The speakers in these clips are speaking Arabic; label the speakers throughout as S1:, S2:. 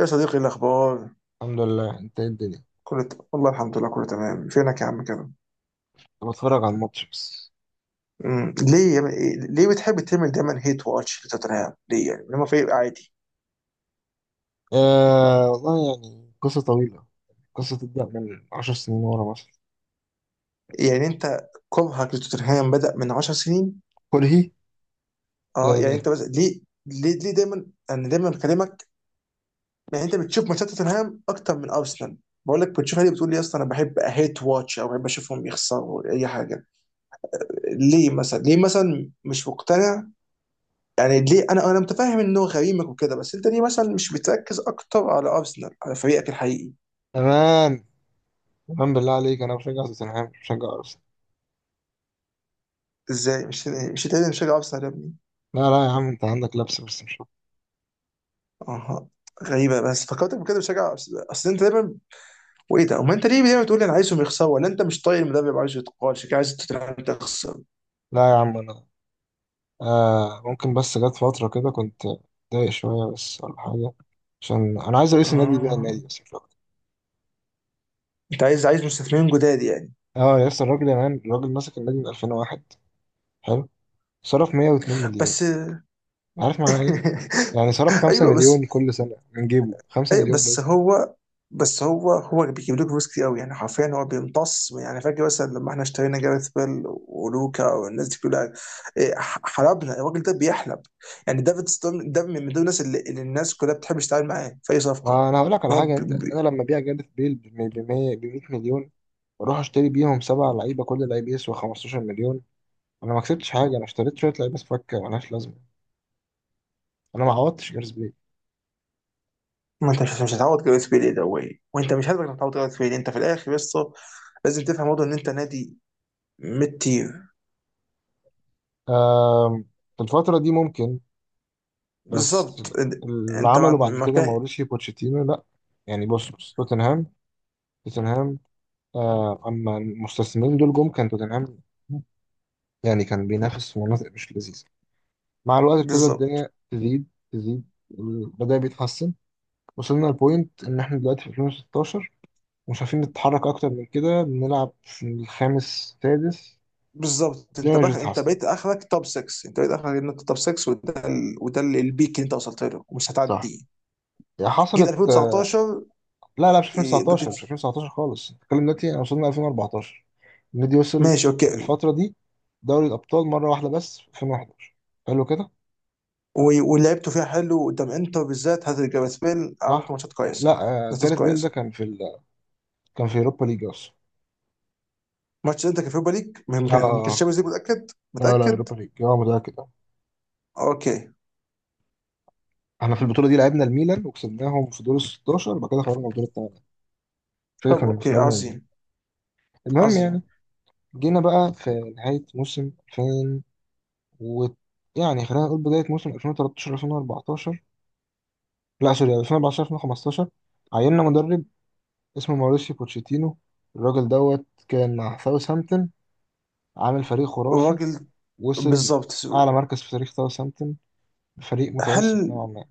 S1: يا صديقي، إيه الأخبار؟
S2: الحمد لله. انت ايه الدنيا؟
S1: والله الحمد لله، كله تمام. فينك يا عم كده؟
S2: انا بتفرج على الماتش بس.
S1: ليه يا... ب- إيه- ليه بتحب تعمل دايما هيت واتش لتوتنهام؟ ليه يعني لما فريق عادي؟
S2: آه، والله يعني قصة طويلة. قصة تبدأ من عشر سنين ورا مثلا.
S1: يعني أنت كرهك لتوتنهام بدأ من 10 سنين؟
S2: كرهي؟
S1: اه،
S2: لا،
S1: يعني
S2: لا.
S1: أنت بس ليه؟ ليه دايما، أنا دايما بكلمك. يعني أنت بتشوف ماتشات توتنهام أكتر من أرسنال. بقول لك بتشوفها ليه، بتقول لي اصلا انا بحب هيت واتش او بحب اشوفهم يخسروا اي حاجه. ليه مثلا؟ ليه مثلا مش مقتنع؟ يعني ليه، انا متفاهم انه غريمك وكده، بس انت ليه مثلا مش بتركز اكتر على ارسنال، على فريقك الحقيقي؟
S2: تمام، تمام، بالله عليك، انا بشجع توتنهام مش بشجع ارسنال؟
S1: ازاي مش انت بتشجع ارسنال يا ابني؟
S2: لا لا يا عم، انت عندك لبس بس مش أكتر.
S1: اها. غريبه، بس فكرتك بكده بتشجع أرسنال. اصل انت دايما. وايه ده؟ وما انت ليه دايما تقول لي انا عايزهم يخسروا؟ ولا انت مش طايق المدرب، عايزه يتقال؟ شكلك عايز توتنهام تخسر.
S2: لا يا عم انا، آه ممكن، بس جت فترة كده كنت متضايق شوية بس، ولا حاجة. عشان انا عايز رئيس النادي يبيع النادي
S1: اه،
S2: بس مش أكتر.
S1: انت عايز مستثمرين جداد يعني.
S2: اه، يا اسطى الراجل يا مان، الراجل ماسك النادي من 2001. حلو. صرف 102 مليون.
S1: بس.
S2: عارف معناه؟ يعني صرف 5
S1: ايوه بس.
S2: مليون كل سنة، من جيبه 5
S1: اي
S2: مليون
S1: بس
S2: بس.
S1: هو. بس هو بيجيب لك فلوس كتير قوي. يعني حرفيا هو بيمتص. يعني فاكر مثلا لما احنا اشترينا جاريث بيل ولوكا والناس دي كلها؟ حلبنا الراجل، ده بيحلب. يعني دافيد ستون ده من دول الناس اللي الناس كلها بتحب تشتغل معاه في اي صفقه.
S2: ما أنا هقول لك على
S1: هو
S2: حاجة.
S1: بي
S2: أنت، أنا
S1: بي.
S2: لما أبيع جاريث بيل ب 100 مليون، وأروح أشتري بيهم سبع لعيبة كل لعيب يسوى 15 مليون، أنا ما كسبتش حاجة. أنا اشتريت شوية لعيبة فكة ملهاش لازمة. أنا ما عوضتش جاريث بيل.
S1: ما انت مش هتعوض جاريث بيل. إيه ده واي؟ وانت مش هتقدر تعوض جاريث بيل. انت في الاخر بس لازم تفهم برضه ان انت نادي ميد تير.
S2: آم، في الفترة دي ممكن، بس
S1: بالظبط إن-
S2: اللي
S1: انت ما
S2: عمله
S1: عند-
S2: بعد
S1: ما
S2: كده
S1: كان-
S2: ماوريسيو بوتشيتينو، لأ. يعني بص بص, توتنهام، توتنهام، أما المستثمرين دول جم، كان توتنهام يعني كان بينافس في مناطق مش لذيذة. مع الوقت ابتدى
S1: بالظبط.
S2: الدنيا تزيد، تزيد، بدأ بيتحسن. وصلنا لبوينت إن إحنا دلوقتي في 2016 مش عارفين نتحرك أكتر من كده، بنلعب في الخامس سادس.
S1: بالظبط انت
S2: الدنيا مش
S1: انت
S2: بتتحسن.
S1: بقيت اخرك توب 6. انت بقيت اخرك ان انت توب 6، البيك اللي انت وصلت له ومش
S2: صح،
S1: هتعديه.
S2: هي
S1: جيت
S2: حصلت.
S1: 2019.
S2: لا لا، مش
S1: إيه، بت...
S2: 2019، مش 2019 خالص. الكلام دلوقتي أنا وصلنا 2014. النادي وصل
S1: ماشي، اوكي.
S2: في الفترة دي دوري الأبطال مرة واحدة بس في 2011. حلو كده.
S1: ولعبته فيها حلو قدام انتر بالذات. هات جاريث بيل، عملت
S2: صح.
S1: ماتشات
S2: لا،
S1: كويسه. ماتشات
S2: جاريث بيل ده
S1: كويسه.
S2: كان في كان في يوروبا ليج أصلا.
S1: ماتش انت كان في ليج،
S2: اه
S1: ما كانش
S2: اه
S1: شامبيونز ليج. متاكد
S2: لا لا،
S1: متاكد.
S2: يوروبا ليج، اه، متأكد.
S1: اوكي.
S2: احنا في البطوله دي لعبنا الميلان وكسبناهم في دور ال 16، وبعد كده خرجنا الدور الثمانيه. فاكر
S1: طب
S2: كنا
S1: اوكي،
S2: خرجنا من الميلان.
S1: عظيم.
S2: المهم يعني،
S1: عظيم.
S2: جينا بقى في نهايه موسم 2000 و، يعني خلينا نقول بدايه موسم 2013 2014. لا سوري، 2014 2015 عيننا مدرب اسمه ماوريسيو بوتشيتينو. الراجل دوت كان مع ساوثهامبتون عامل فريق خرافي.
S1: الراجل.
S2: وصل
S1: بالظبط.
S2: اعلى مركز في تاريخ ساوثهامبتون. فريق متوسط
S1: هل.
S2: نوعا ما.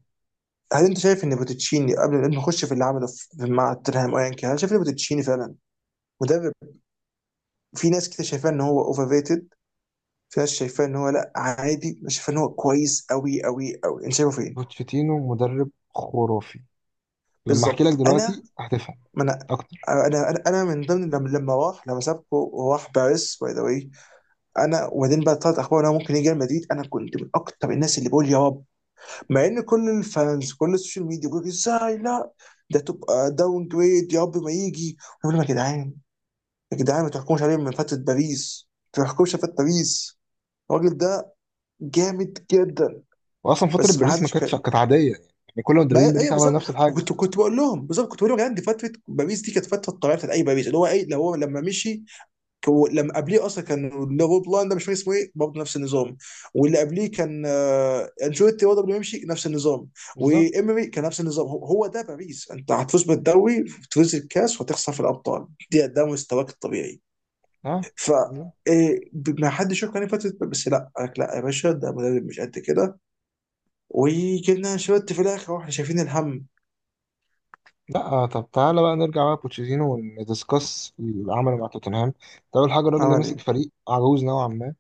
S1: هل انت شايف ان بوتتشيني، قبل ما نخش في اللي عمله مع توتنهام، ايا كان، هل شايف ان بوتتشيني فعلا مدرب؟ في ناس كده شايفاه ان هو اوفر ريتد، في ناس شايفاه ان هو لا، عادي، ناس شايفاه ان هو كويس قوي قوي قوي. انت شايفه فين؟
S2: بوتشيتينو مدرب خرافي. لما احكي لك
S1: بالظبط انا.
S2: دلوقتي هتفهم.
S1: ما انا. أنا من ضمن لما راح، لما سابكو وراح باريس، باي ذا واي. انا وبعدين بقى طلعت اخبار ان هو ممكن يجي ريال مدريد. انا كنت من اكتر الناس اللي بقول يا رب. مع ان كل الفانز، كل السوشيال ميديا بيقول ازاي لا، ده تبقى داون جريد، يا رب ما يجي. انا بقول لهم يا جدعان، يا جدعان ما تحكموش عليه من فتره باريس. ما تحكموش على فتره باريس. الراجل ده جامد جدا.
S2: واصلا فتره
S1: بس ما
S2: باريس ما
S1: حدش
S2: كانتش،
S1: كان.
S2: كانت عاديه يعني كل مدربين
S1: ما
S2: باريس
S1: ايوه،
S2: عملوا
S1: بالظبط.
S2: نفس الحاجه.
S1: كنت بقول لهم، بالظبط كنت بقول لهم يا جدعان دي فتره باريس، دي كانت فتره الطبيعيه بتاعت اي باريس. اللي هو ايه؟ اللي هو لما مشي، لما قبليه اصلا كان اللي هو بلان ده، مش فاكر اسمه ايه، برضه نفس النظام. واللي قبليه كان انشيلوتي، برضه قبل ما يمشي نفس النظام.
S2: بالظبط.
S1: وامري كان نفس النظام. هو هو ده باريس. انت هتفوز بالدوري، تفوز الكاس، وهتخسر في الابطال. دي ده مستواك الطبيعي.
S2: ها.
S1: ف
S2: بالظبط.
S1: إيه، ما حدش شاف كان فتره، بس لا، قال لك لا يا باشا ده مدرب مش قد كده. وجبنا انشيلوتي في الاخر واحنا شايفين الهم.
S2: لا، طب تعالى بقى نرجع بقى لبوتشيتينو وندiscuss اللي عمله مع توتنهام. ده أول حاجة، الراجل ده
S1: عمل
S2: مسك
S1: ايه؟
S2: فريق عجوز نوعا ما.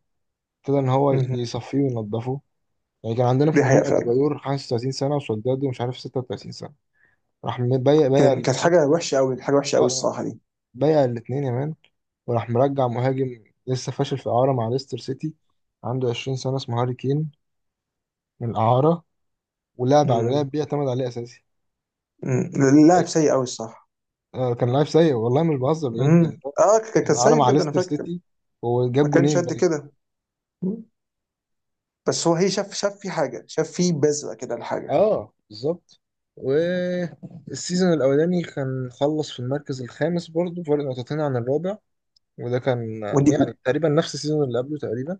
S2: ابتدى إن هو
S1: مهم.
S2: يصفيه وينضفه. يعني كان عندنا في
S1: دي حقيقة
S2: الهجوم
S1: فعلا.
S2: أديبايور 35 سنة، وسولداد ومش عارف 36 سنة. راح بايع
S1: كانت
S2: الاتنين.
S1: حاجة وحشة قوي، حاجة وحشة
S2: اه
S1: قوي
S2: اه
S1: الصراحة دي.
S2: بايع الاتنين يا مان. وراح مرجع مهاجم لسه فاشل في إعارة مع ليستر سيتي، عنده 20 سنة، اسمه هاري كين، من الإعارة، ولعب على
S1: مم.
S2: لاعب بيعتمد عليه أساسي.
S1: مم.
S2: أي-
S1: اللاعب سيء قوي الصح؟
S2: كان لاعب سيء والله، مش بهزر بجد، يعني
S1: مم.
S2: هو
S1: اه، كان
S2: كان عارة
S1: سيء
S2: مع
S1: بجد، انا
S2: ليستر
S1: فاكر.
S2: سيتي
S1: ما
S2: وجاب
S1: كانش
S2: جونين
S1: قد
S2: باين.
S1: كده. مم. بس هو هي شاف في حاجة، شاف في بذرة كده لحاجة.
S2: اه بالظبط. والسيزون الاولاني كان خلص في المركز الخامس برضه، فرق نقطتين عن الرابع. وده كان
S1: ودي
S2: يعني
S1: و-
S2: تقريبا نفس السيزون اللي قبله تقريبا.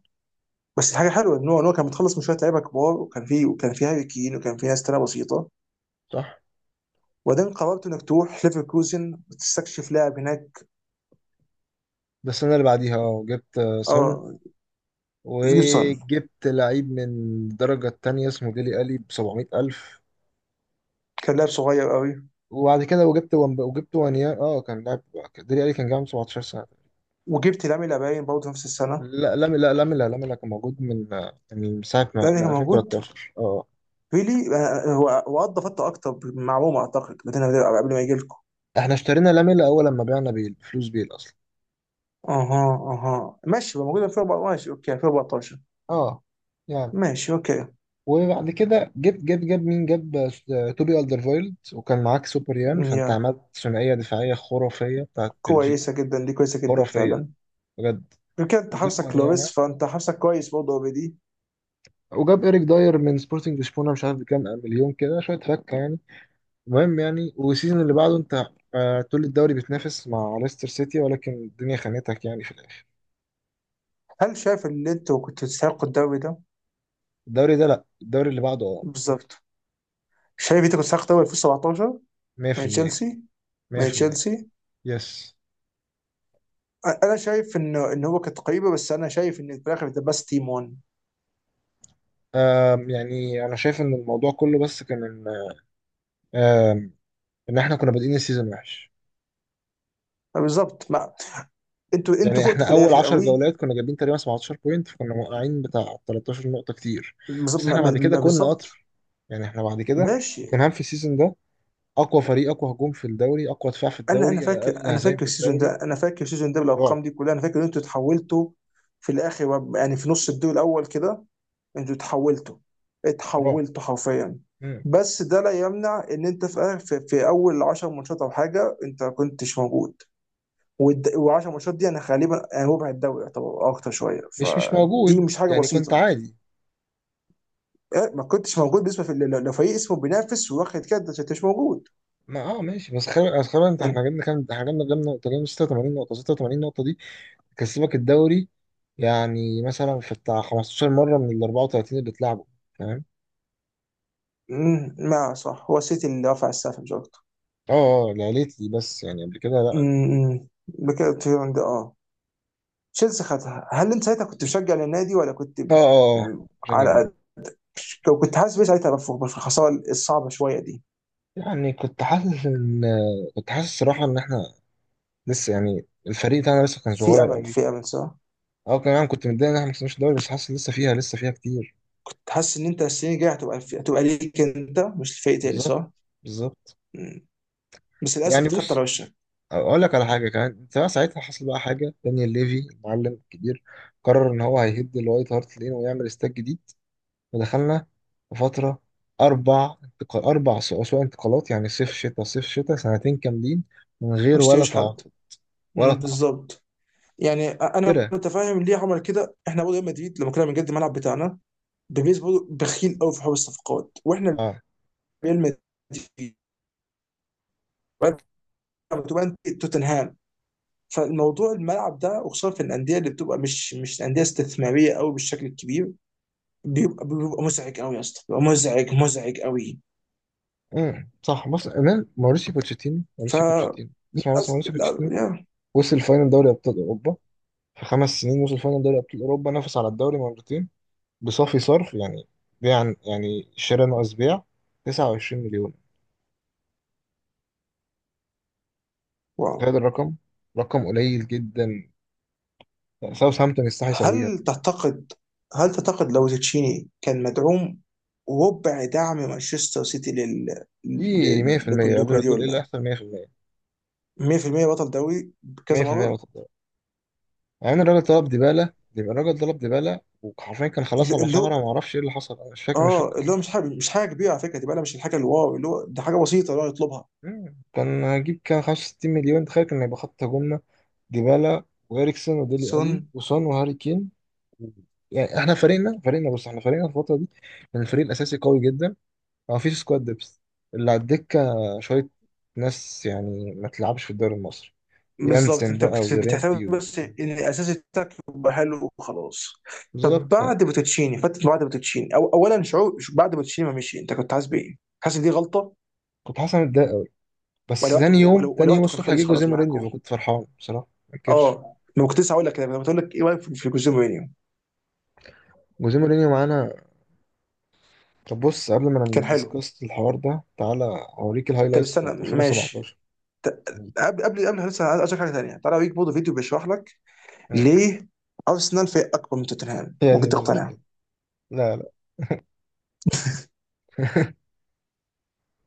S1: بس الحاجة حلوة ان هو كان متخلص من شوية لعيبة كبار، وكان في هاري كين، وكان في ناس تانية بسيطة.
S2: صح.
S1: وبعدين قررت انك تروح ليفركوزن وتستكشف لاعب هناك.
S2: بس انا اللي بعديها اه جبت، سون،
S1: اه، جيبسون.
S2: وجبت لعيب من الدرجة التانية اسمه ديلي ألي بسبعمية ألف.
S1: كان لاعب صغير قوي.
S2: وبعد كده وجبت وانيا. اه كان لاعب. ديلي ألي كان جاي عنده 17 سنة.
S1: وجبت لامين يامال باين برضه نفس السنة.
S2: لا، لاملا، لاملا، لاملا كان موجود من، ساعة
S1: ده
S2: ما،
S1: كان
S2: من
S1: موجود.
S2: 2013 اه.
S1: بيلي. هو قضى فتره اكتر مع روما اعتقد، لكن قبل ما يجي لكم.
S2: احنا اشترينا لاملا اول لما بعنا بيل، فلوس بيل اصلا.
S1: اها. اها، ماشي. هو موجود في 14، ماشي، اوكي، 2014.
S2: اه، يعني.
S1: ماشي، اوكي.
S2: وبعد كده جبت جاب جاب مين جاب توبي الدرفايلد، وكان معاك سوبر يان فانت.
S1: يا،
S2: عملت ثنائية دفاعية خرافية بتاعت بلجيكا.
S1: كويسه جدا، دي كويسه جدا
S2: خرافية
S1: فعلا.
S2: بجد.
S1: يمكن انت
S2: وجاب
S1: حارسك
S2: ونياما،
S1: لوريس، فانت حارسك كويس برضه اوريدي.
S2: وجاب إيريك داير من سبورتنج لشبونة، مش عارف بكام مليون، كده شوية فكة يعني. المهم يعني، والسيزون اللي بعده انت طول الدوري بتنافس مع ليستر سيتي، ولكن الدنيا خانتك يعني في الآخر.
S1: هل شايف ان انت كنت تستحقوا الدوري ده؟
S2: الدوري ده؟ لا، الدوري اللي بعده. اه،
S1: بالظبط. شايف انت كنت تستحق الدوري 2017 من
S2: 100%.
S1: تشيلسي؟ من
S2: 100%.
S1: تشيلسي.
S2: يس.
S1: انا شايف انه ان هو كانت قريبه، بس انا شايف ان في الاخر ذا بس تيم 1.
S2: يعني انا شايف ان الموضوع كله بس كان ان، آم ان احنا كنا بادئين السيزون وحش.
S1: بالظبط ما. انتوا
S2: يعني
S1: فقتوا
S2: احنا
S1: في
S2: اول
S1: الاخر
S2: 10
S1: قوي.
S2: جولات كنا جايبين تقريبا 17 بوينت، فكنا موقعين بتاع 13 نقطة كتير.
S1: بالظبط
S2: بس
S1: ما-
S2: احنا
S1: ما-
S2: بعد كده
S1: ما-
S2: كنا
S1: بالظبط.
S2: قطر. يعني احنا بعد كده،
S1: ماشي.
S2: توتنهام في السيزون ده اقوى فريق، اقوى هجوم في الدوري، اقوى دفاع في الدوري، اقل
S1: انا
S2: هزايم
S1: فاكر
S2: في
S1: السيزون
S2: الدوري.
S1: ده، انا فاكر السيزون ده
S2: رعب،
S1: بالارقام دي كلها. انا فاكر ان انتوا اتحولتوا في الاخر يعني في نص الدور الاول كده. انتوا اتحولتوا،
S2: رعب.
S1: اتحولتوا حرفيا.
S2: مم.
S1: بس ده لا يمنع ان انت في في اول 10 ماتشات او حاجه، انت ما كنتش موجود. وال10 ماتشات دي انا غالبا، يعني ربع الدوري، يعتبر اكتر شويه،
S2: مش
S1: فدي
S2: موجود
S1: مش حاجه
S2: يعني، كنت
S1: بسيطه.
S2: عادي.
S1: ما كنتش موجود بالنسبه لو فريق اسمه بينافس واخد كده انت مش موجود.
S2: ما اه ماشي، بس خير بس خير. انت احنا جبنا كام؟ احنا جبنا، نقطة، جبنا 86 نقطة. 86 نقطة دي تكسبك الدوري يعني، مثلا في بتاع 15 مرة من ال 34 اللي اتلعبوا. فاهم؟
S1: ما صح، هو السيتي اللي رفع السقف مش اكتر.
S2: اه اه, لا ليت لي بس، يعني قبل كده لا.
S1: بكده تيران ده، اه، تشيلسي خدها. هل انت ساعتها كنت مشجع للنادي ولا كنت؟
S2: اه, عشان
S1: على
S2: جنب.
S1: قد، لو كنت حاسس بيه ساعتها بفوق، بس الخساره الصعبه شويه دي.
S2: يعني كنت حاسس ان، كنت حاسس الصراحة ان احنا لسه يعني، الفريق بتاعنا لسه كان
S1: في
S2: صغير
S1: امل،
S2: قوي.
S1: في امل، صح.
S2: اه، كمان كنت متضايق ان احنا ما كسبناش الدوري، بس حاسس لسه فيها، لسه فيها كتير.
S1: تحس ان انت السنين الجايه هتبقى ليك انت مش لفريق تاني
S2: بالظبط.
S1: صح.
S2: بالظبط.
S1: مم. بس للاسف
S2: يعني
S1: اتخدت على
S2: بص،
S1: وشك.
S2: اقول لك على حاجه كمان. انت بقى ساعتها حصل بقى حاجه، دانيال ليفي المعلم الكبير قرر ان هو هيهد الوايت هارت لين ويعمل استاد جديد. ودخلنا في فتره اربع انتقال اربع سو- اسوق انتقالات، يعني صيف شتاء صيف شتاء، سنتين كاملين من
S1: ما
S2: غير ولا
S1: اشتريش حد.
S2: تعاقد. ولا تعاقد.
S1: بالظبط. يعني انا
S2: ترى.
S1: متفاهم ليه عمل كده. احنا برضه ريال مدريد لما كنا بنجد الملعب بتاعنا، بيريز برضه بخيل قوي في حوار الصفقات. واحنا
S2: اه.
S1: ريال مدريد، وأنت بتبقى أنت توتنهام. فالموضوع الملعب ده، وخصوصا في الانديه اللي بتبقى مش انديه استثماريه قوي بالشكل الكبير، بيبقى مزعج قوي يا اسطى، بيبقى مزعج، مزعج قوي.
S2: صح. بص، امام ماuriسيو بوتشيتينو،
S1: ف
S2: ماuriسيو بوتشيتينو، اسمع بس، ماuriسيو
S1: لا
S2: بوتشيتينو
S1: يا.
S2: وصل فاينل دوري ابطال اوروبا. في خمس سنين وصل فاينل دوري ابطال اوروبا، نافس على الدوري مرتين، بصافي صرف، يعني بيع، يعني شراء ناقص بيع، 29 مليون.
S1: واو.
S2: تخيل الرقم. رقم قليل جدا، ساوثهامبتون يستحي يسويها.
S1: هل تعتقد؟ هل تعتقد لو تشيني كان مدعوم ربع دعم مانشستر سيتي لل،
S2: ايه، 100%.
S1: لبوليو
S2: قبل ما تقول ايه اللي
S1: جوارديولا،
S2: هيحصل، 100%.
S1: 100% بطل دوري بكذا
S2: 100%
S1: مره؟
S2: نقطة ضرر. يعني الراجل طلب ديبالا، يبقى الراجل طلب ديبالا، وحرفيا كان خلاص
S1: اللي
S2: على
S1: اللي هو
S2: شهرة، ما اعرفش ايه اللي حصل، انا مش فاكر ايه
S1: اه،
S2: اللي
S1: اللي هو
S2: حصل.
S1: مش حاجه كبيره على فكره، دي بقى مش الحاجه الواو، اللي هو ده حاجه بسيطه اللي هو نطلبها.
S2: مم. كان هجيب كان 65 مليون. تخيل كان هيبقى خط هجومنا ديبالا وإريكسون وديلي ألي
S1: سون.
S2: وسون وهاري كين. يعني احنا فريقنا بص، احنا فريقنا الفترة دي كان الفريق الأساسي قوي جدا. ما فيش سكواد ديبث، اللي على الدكة شوية ناس يعني ما تلعبش في الدوري المصري.
S1: بالظبط،
S2: يانسن
S1: انت
S2: بقى
S1: كنت بتهتم
S2: ويورينتي و...
S1: بس ان الاساس بتاعك يبقى حلو وخلاص. طب
S2: بالظبط بقى.
S1: بعد بوتوتشيني، فتره بعد بوتوتشيني، أو اولا شعور بعد بوتوتشيني ما مشي، انت كنت حاسس بايه؟ حاسس إن دي غلطه؟
S2: كنت حاسس إن أنا متضايق أوي. بس
S1: ولا وقته،
S2: تاني يوم،
S1: ولا
S2: تاني يوم
S1: وقته كان
S2: الصبح جه
S1: خلص
S2: جوزيه
S1: خلاص
S2: مورينيو،
S1: معاكم.
S2: فكنت فرحان بصراحة ما انكرش.
S1: اه، ما كنت لسه هقول لك كده، كنت بقول لك ايه رايك في جوزيه مورينيو؟
S2: جوزيه مورينيو معانا. طب بص، قبل ما
S1: كان حلو.
S2: ندسكس الحوار ده، تعالى أوريك
S1: طب
S2: الهايلايتس
S1: استنى،
S2: بتاعت
S1: ماشي.
S2: 2017.
S1: قبل لسه عايز، أقول حاجه ثانيه. تعالى اوريك برضه فيديو بيشرح لك
S2: ها.
S1: ليه ارسنال فريق اكبر من توتنهام،
S2: هي دي
S1: ممكن
S2: النيلة.
S1: تقتنع.
S2: لا. لا.